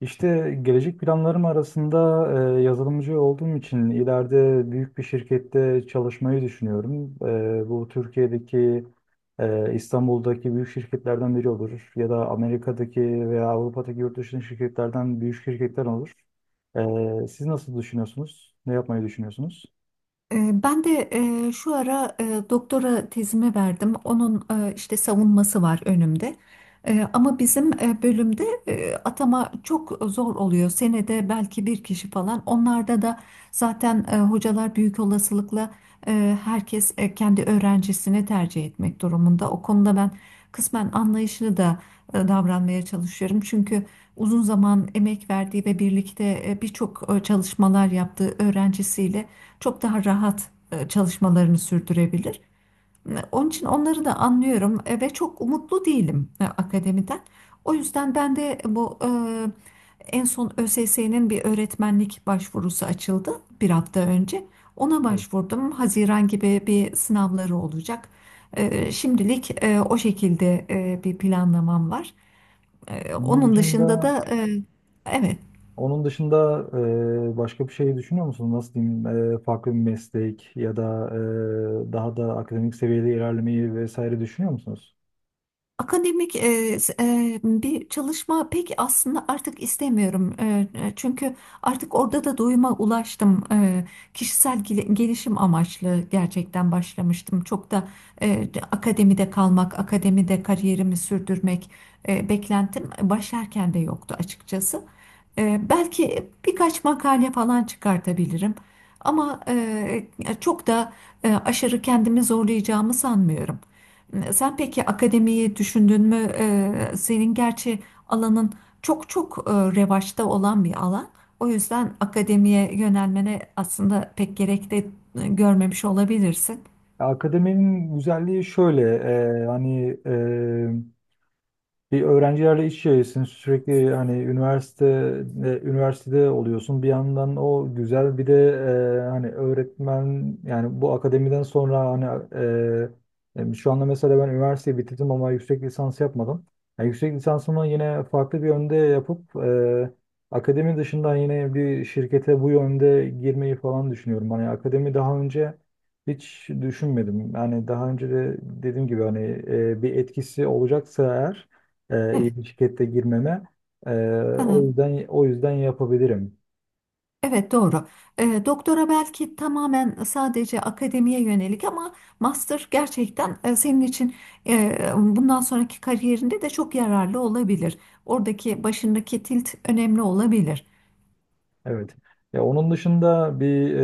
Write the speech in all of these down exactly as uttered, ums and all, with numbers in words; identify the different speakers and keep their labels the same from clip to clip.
Speaker 1: İşte gelecek planlarım arasında e, yazılımcı olduğum için ileride büyük bir şirkette çalışmayı düşünüyorum. E, bu Türkiye'deki, e, İstanbul'daki büyük şirketlerden biri olur ya da Amerika'daki veya Avrupa'daki yurt dışındaki şirketlerden büyük şirketler olur. E, siz nasıl düşünüyorsunuz? Ne yapmayı düşünüyorsunuz?
Speaker 2: Ee, Ben de e, şu ara e, doktora tezimi verdim. Onun e, işte savunması var önümde. E, Ama bizim e, bölümde e, atama çok zor oluyor. Senede belki bir kişi falan. Onlarda da zaten e, hocalar büyük olasılıkla e, herkes e, kendi öğrencisini tercih etmek durumunda. O konuda ben kısmen anlayışlı da e, davranmaya çalışıyorum. Çünkü uzun zaman emek verdiği ve birlikte e, birçok e, çalışmalar yaptığı öğrencisiyle çok daha rahat e, çalışmalarını sürdürebilir. E, Onun için onları da anlıyorum e, ve çok umutlu değilim e, akademiden. O yüzden ben de bu e, en son Ö S S'nin bir öğretmenlik başvurusu açıldı bir hafta önce. Ona
Speaker 1: Evet.
Speaker 2: başvurdum. Haziran gibi bir sınavları olacak. E, Şimdilik e, o şekilde e, bir planlamam var. E,
Speaker 1: Onun
Speaker 2: Onun dışında
Speaker 1: dışında
Speaker 2: da e, evet,
Speaker 1: Onun dışında e, başka bir şey düşünüyor musun? Nasıl diyeyim? E, farklı bir meslek ya da e, daha da akademik seviyede ilerlemeyi vesaire düşünüyor musunuz?
Speaker 2: Akademik e, s- e, bir çalışma pek aslında artık istemiyorum. E, e, çünkü artık orada da doyuma ulaştım. E, kişisel gel- gelişim amaçlı gerçekten başlamıştım. Çok da e, akademide kalmak, akademide kariyerimi sürdürmek e, beklentim başlarken de yoktu açıkçası. E, belki birkaç makale falan çıkartabilirim. Ama e, çok da e, aşırı kendimi zorlayacağımı sanmıyorum. Sen peki akademiyi düşündün mü? Ee, senin gerçi alanın çok çok e, revaçta olan bir alan. O yüzden akademiye yönelmene aslında pek gerek de e, görmemiş olabilirsin.
Speaker 1: Akademinin güzelliği şöyle, e, hani bir öğrencilerle iç içesin sürekli hani üniversite e, üniversitede oluyorsun bir yandan o güzel bir de e, hani öğretmen yani bu akademiden sonra hani e, e, şu anda mesela ben üniversiteyi bitirdim ama yüksek lisans yapmadım. Yani yüksek lisansımı yine farklı bir yönde yapıp e, akademi dışından yine bir şirkete bu yönde girmeyi falan düşünüyorum. Hani akademi daha önce hiç düşünmedim. Yani daha önce de dediğim gibi hani e, bir etkisi olacaksa eğer e,
Speaker 2: Evet,
Speaker 1: iyi bir şirkette girmeme. E,
Speaker 2: ha,
Speaker 1: o yüzden o yüzden yapabilirim.
Speaker 2: evet, doğru. Ee, doktora belki tamamen sadece akademiye yönelik ama master gerçekten e, senin için e, bundan sonraki kariyerinde de çok yararlı olabilir. Oradaki başındaki tilt önemli olabilir.
Speaker 1: Evet. Ya onun dışında bir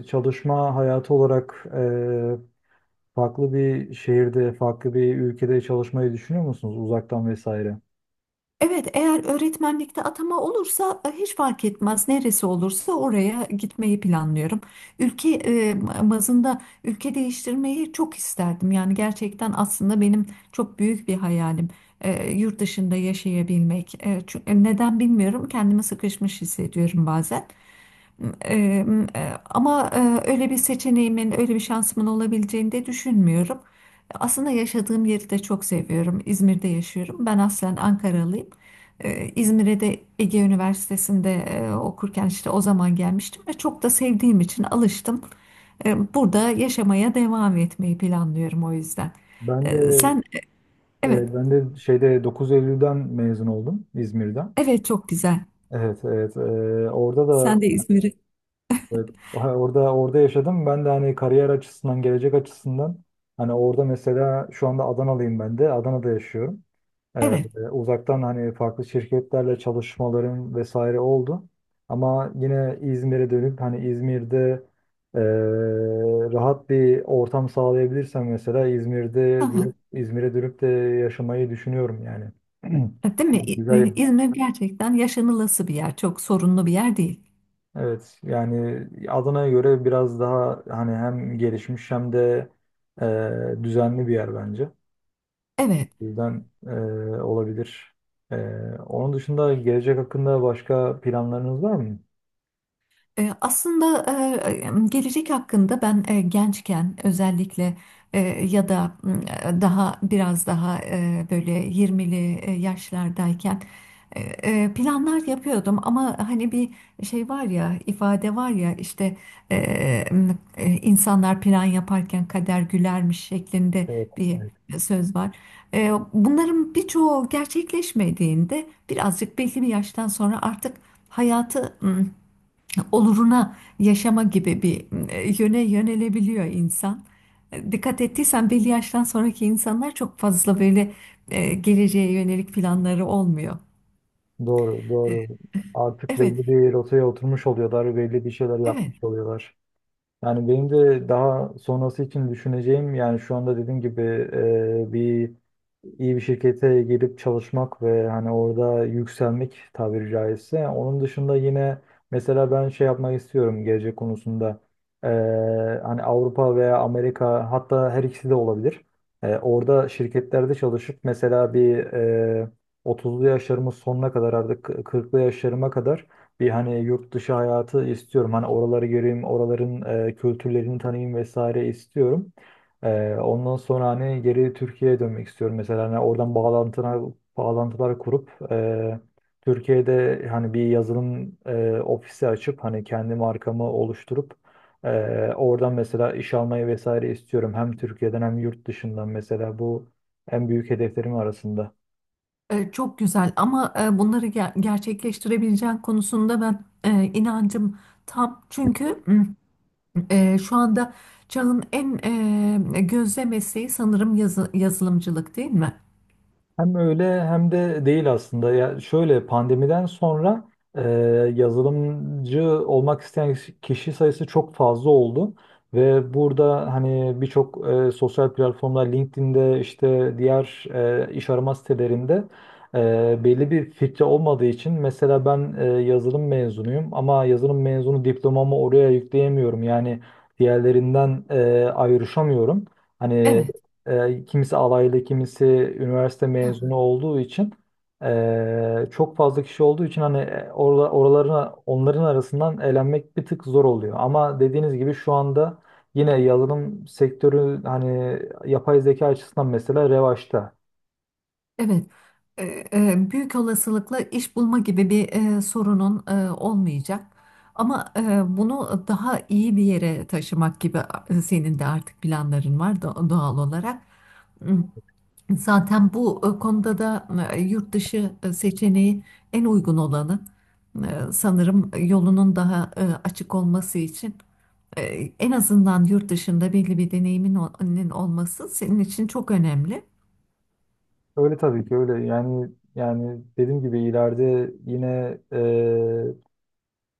Speaker 1: e, çalışma hayatı olarak e, farklı bir şehirde, farklı bir ülkede çalışmayı düşünüyor musunuz uzaktan vesaire?
Speaker 2: Evet, eğer öğretmenlikte atama olursa e, hiç fark etmez. Neresi olursa oraya gitmeyi planlıyorum. Ülke e, bazında ülke değiştirmeyi çok isterdim. Yani gerçekten aslında benim çok büyük bir hayalim. E, yurt dışında yaşayabilmek. E, çü- e, neden bilmiyorum. Kendimi sıkışmış hissediyorum bazen. Eee, e, Ama e, öyle bir seçeneğimin, öyle bir şansımın olabileceğini de düşünmüyorum. Aslında yaşadığım yeri de çok seviyorum. İzmir'de yaşıyorum. Ben aslen Ankaralıyım. Eee, İzmir'e de Ege Üniversitesi'nde e, okurken işte o zaman gelmiştim ve çok da sevdiğim için alıştım. Eee, burada yaşamaya devam etmeyi planlıyorum o yüzden.
Speaker 1: Ben
Speaker 2: Eee,
Speaker 1: de
Speaker 2: sen. Evet,
Speaker 1: e, ben de şeyde dokuz Eylül'den mezun oldum İzmir'den.
Speaker 2: evet, çok güzel.
Speaker 1: Evet, evet. E, orada da
Speaker 2: Sen de İzmir'i.
Speaker 1: evet, ha, orada orada yaşadım. Ben de hani kariyer açısından, gelecek açısından hani orada mesela şu anda Adanalıyım ben de. Adana'da yaşıyorum. Ee,
Speaker 2: Evet.
Speaker 1: Uzaktan hani farklı şirketlerle çalışmalarım vesaire oldu. Ama yine İzmir'e dönüp hani İzmir'de ee, rahat bir ortam sağlayabilirsem mesela İzmir'de dönüp İzmir'e dönüp de yaşamayı düşünüyorum yani.
Speaker 2: Değil mi? İ-
Speaker 1: Güzel.
Speaker 2: e, İzmir gerçekten yaşanılası bir yer. Çok sorunlu bir yer değil.
Speaker 1: Evet yani Adana'ya göre biraz daha hani hem gelişmiş hem de ee, düzenli bir yer bence.
Speaker 2: Evet.
Speaker 1: O yüzden e, olabilir. E, Onun dışında gelecek hakkında başka planlarınız var mı?
Speaker 2: E, Aslında e, gelecek hakkında ben e, gençken özellikle e, ya da e, daha biraz daha e, böyle yirmili e, yaşlardayken e, e, planlar yapıyordum ama hani bir şey var ya ifade var ya işte e, e, insanlar plan yaparken kader gülermiş şeklinde
Speaker 1: Evet,
Speaker 2: bir
Speaker 1: evet.
Speaker 2: söz var. E, Bunların birçoğu gerçekleşmediğinde birazcık belli bir yaştan sonra artık hayatı oluruna yaşama gibi bir e, yöne yönelebiliyor insan. E, Dikkat ettiysen belli yaştan sonraki insanlar çok fazla böyle e, geleceğe yönelik planları olmuyor.
Speaker 1: Doğru, doğru. Artık
Speaker 2: Evet,
Speaker 1: belli bir rotaya oturmuş oluyorlar, belli bir şeyler yapmış
Speaker 2: evet.
Speaker 1: oluyorlar. Yani benim de daha sonrası için düşüneceğim yani şu anda dediğim gibi e, bir iyi bir şirkete girip çalışmak ve hani orada yükselmek tabiri caizse. Onun dışında yine mesela ben şey yapmak istiyorum gelecek konusunda. E, Hani Avrupa veya Amerika hatta her ikisi de olabilir. E, orada şirketlerde çalışıp mesela bir e, otuzlu yaşlarımın sonuna kadar artık kırklı yaşlarıma kadar bir hani yurt dışı hayatı istiyorum. Hani oraları göreyim, oraların e, kültürlerini tanıyayım vesaire istiyorum. E, ondan sonra hani geri Türkiye'ye dönmek istiyorum. Mesela hani oradan bağlantılar, bağlantılar kurup e, Türkiye'de hani bir yazılım e, ofisi açıp hani kendi markamı oluşturup e, oradan mesela iş almayı vesaire istiyorum. Hem Türkiye'den hem yurt dışından mesela bu en büyük hedeflerim arasında.
Speaker 2: E, çok güzel ama e, bunları ger- gerçekleştirebileceğin konusunda ben e, inancım tam. Çünkü m, e, şu anda çağın en e, gözde mesleği sanırım yazı- yazılımcılık değil mi?
Speaker 1: Hem öyle hem de değil aslında. Ya şöyle pandemiden sonra e, yazılımcı olmak isteyen kişi sayısı çok fazla oldu ve burada hani birçok e, sosyal platformlar LinkedIn'de işte diğer e, iş arama sitelerinde e, belli bir filtre olmadığı için mesela ben e, yazılım mezunuyum ama yazılım mezunu diplomamı oraya yükleyemiyorum. Yani diğerlerinden e, ayrışamıyorum. Hani
Speaker 2: Evet.
Speaker 1: e, kimisi alaylı, kimisi üniversite mezunu olduğu için e, çok fazla kişi olduğu için hani e, orla, oralarına onların arasından elenmek bir tık zor oluyor. Ama dediğiniz gibi şu anda yine yazılım sektörü hani yapay zeka açısından mesela revaçta.
Speaker 2: Evet, e, e, büyük olasılıkla iş bulma gibi bir e, sorunun e, olmayacak. Ama e, bunu daha iyi bir yere taşımak gibi e, senin de artık planların var do- doğal olarak. Hmm, Zaten bu e, konuda da e, yurt dışı e, seçeneği en uygun olanı. E, sanırım yolunun daha e, açık olması için e, en azından yurt dışında belli bir deneyimin ol- olması senin için çok önemli.
Speaker 1: Öyle tabii ki öyle yani yani dediğim gibi ileride yine ee,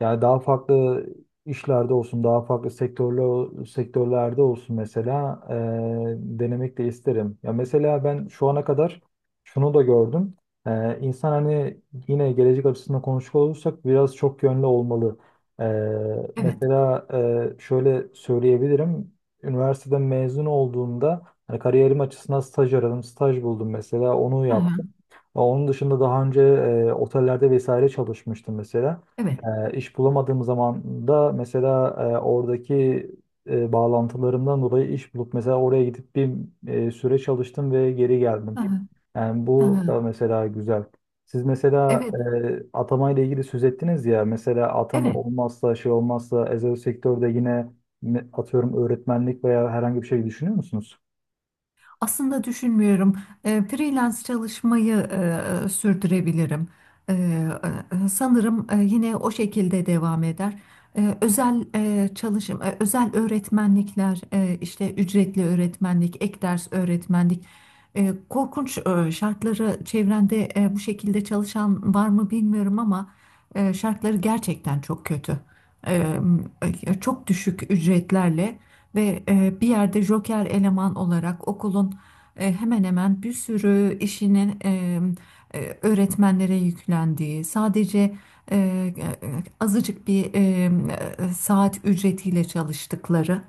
Speaker 1: yani daha farklı işlerde olsun, daha farklı sektörler sektörlerde olsun mesela eee, denemek de isterim. Ya mesela ben şu ana kadar şunu da gördüm. Eee insan hani yine gelecek açısından konuşacak olursak biraz çok yönlü olmalı. Eee,
Speaker 2: Evet.
Speaker 1: mesela eee, şöyle söyleyebilirim. Üniversiteden mezun olduğumda hani kariyerim açısından staj aradım, staj buldum mesela onu
Speaker 2: Hı hı.
Speaker 1: yaptım. Onun dışında daha önce eee, otellerde vesaire çalışmıştım mesela.
Speaker 2: Evet.
Speaker 1: E, iş bulamadığım zaman da mesela e, oradaki e, bağlantılarımdan dolayı iş bulup mesela oraya gidip bir e, süre çalıştım ve geri
Speaker 2: Hı
Speaker 1: geldim.
Speaker 2: hı.
Speaker 1: Yani
Speaker 2: Hı
Speaker 1: bu
Speaker 2: hı.
Speaker 1: da mesela güzel. Siz mesela
Speaker 2: Evet,
Speaker 1: e, atama ile ilgili söz ettiniz ya mesela atama
Speaker 2: evet.
Speaker 1: olmazsa şey olmazsa özel sektörde yine ne- atıyorum öğretmenlik veya herhangi bir şey düşünüyor musunuz?
Speaker 2: Aslında düşünmüyorum. E, freelance çalışmayı e, sürdürebilirim. E, e, Sanırım e, yine o şekilde devam eder. E, özel e, çalışım, e, özel öğretmenlikler, e, işte ücretli öğretmenlik, ek ders öğretmenlik. E, korkunç e, şartları çevrende e, bu şekilde çalışan var mı bilmiyorum ama e, şartları gerçekten çok kötü. E, e, Çok düşük ücretlerle. Ve e, bir yerde joker eleman olarak okulun e, hemen hemen bir sürü işinin e, e, öğretmenlere yüklendiği, sadece e, e, azıcık bir e, e, saat ücretiyle çalıştıkları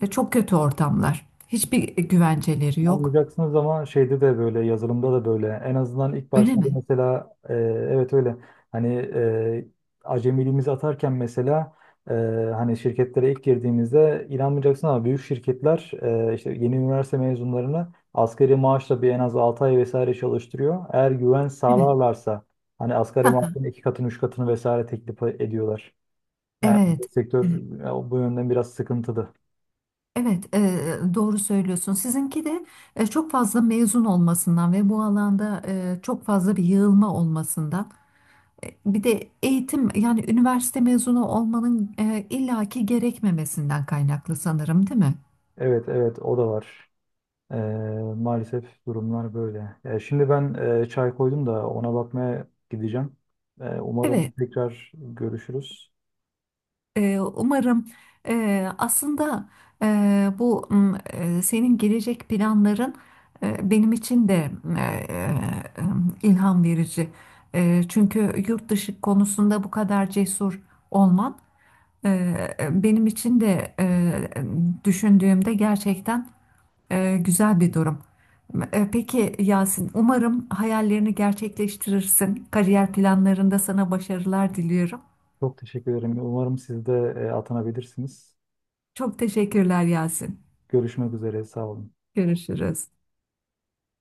Speaker 2: e, çok kötü ortamlar. Hiçbir güvenceleri yok.
Speaker 1: Anlayacaksınız ama şeyde de böyle yazılımda da böyle en azından ilk
Speaker 2: Öyle
Speaker 1: başlarda
Speaker 2: mi?
Speaker 1: mesela e, evet öyle hani e, acemiliğimizi atarken mesela e, hani şirketlere ilk girdiğimizde inanmayacaksın ama büyük şirketler e, işte yeni üniversite mezunlarını asgari maaşla bir en az altı ay vesaire çalıştırıyor. Eğer güven
Speaker 2: Evet.
Speaker 1: sağlarlarsa hani asgari maaşın iki katını üç katını vesaire teklif ediyorlar. Yani
Speaker 2: Evet.
Speaker 1: sektör
Speaker 2: Evet,
Speaker 1: e, bu yönden biraz sıkıntılı.
Speaker 2: Evet, e, doğru söylüyorsun. Sizinki de e, çok fazla mezun olmasından ve bu alanda e, çok fazla bir yığılma olmasından. Bir de eğitim yani üniversite mezunu olmanın e, illaki gerekmemesinden kaynaklı sanırım, değil mi?
Speaker 1: Evet evet o da var. Ee, Maalesef durumlar böyle. Ee, şimdi ben e, çay koydum da ona bakmaya gideceğim. Ee,
Speaker 2: Evet.
Speaker 1: umarım tekrar görüşürüz.
Speaker 2: Ee, umarım e, aslında e, bu m, e, senin gelecek planların e, benim için de e, e, ilham verici. E, çünkü yurt dışı konusunda bu kadar cesur olman e, benim için de e, düşündüğümde gerçekten e, güzel bir durum. E, peki Yasin, umarım hayallerini gerçekleştirirsin. Kariyer planlarında sana başarılar diliyorum.
Speaker 1: Çok teşekkür ederim. Umarım siz de e, atanabilirsiniz.
Speaker 2: Çok teşekkürler Yasin.
Speaker 1: Görüşmek üzere. Sağ olun.
Speaker 2: Görüşürüz.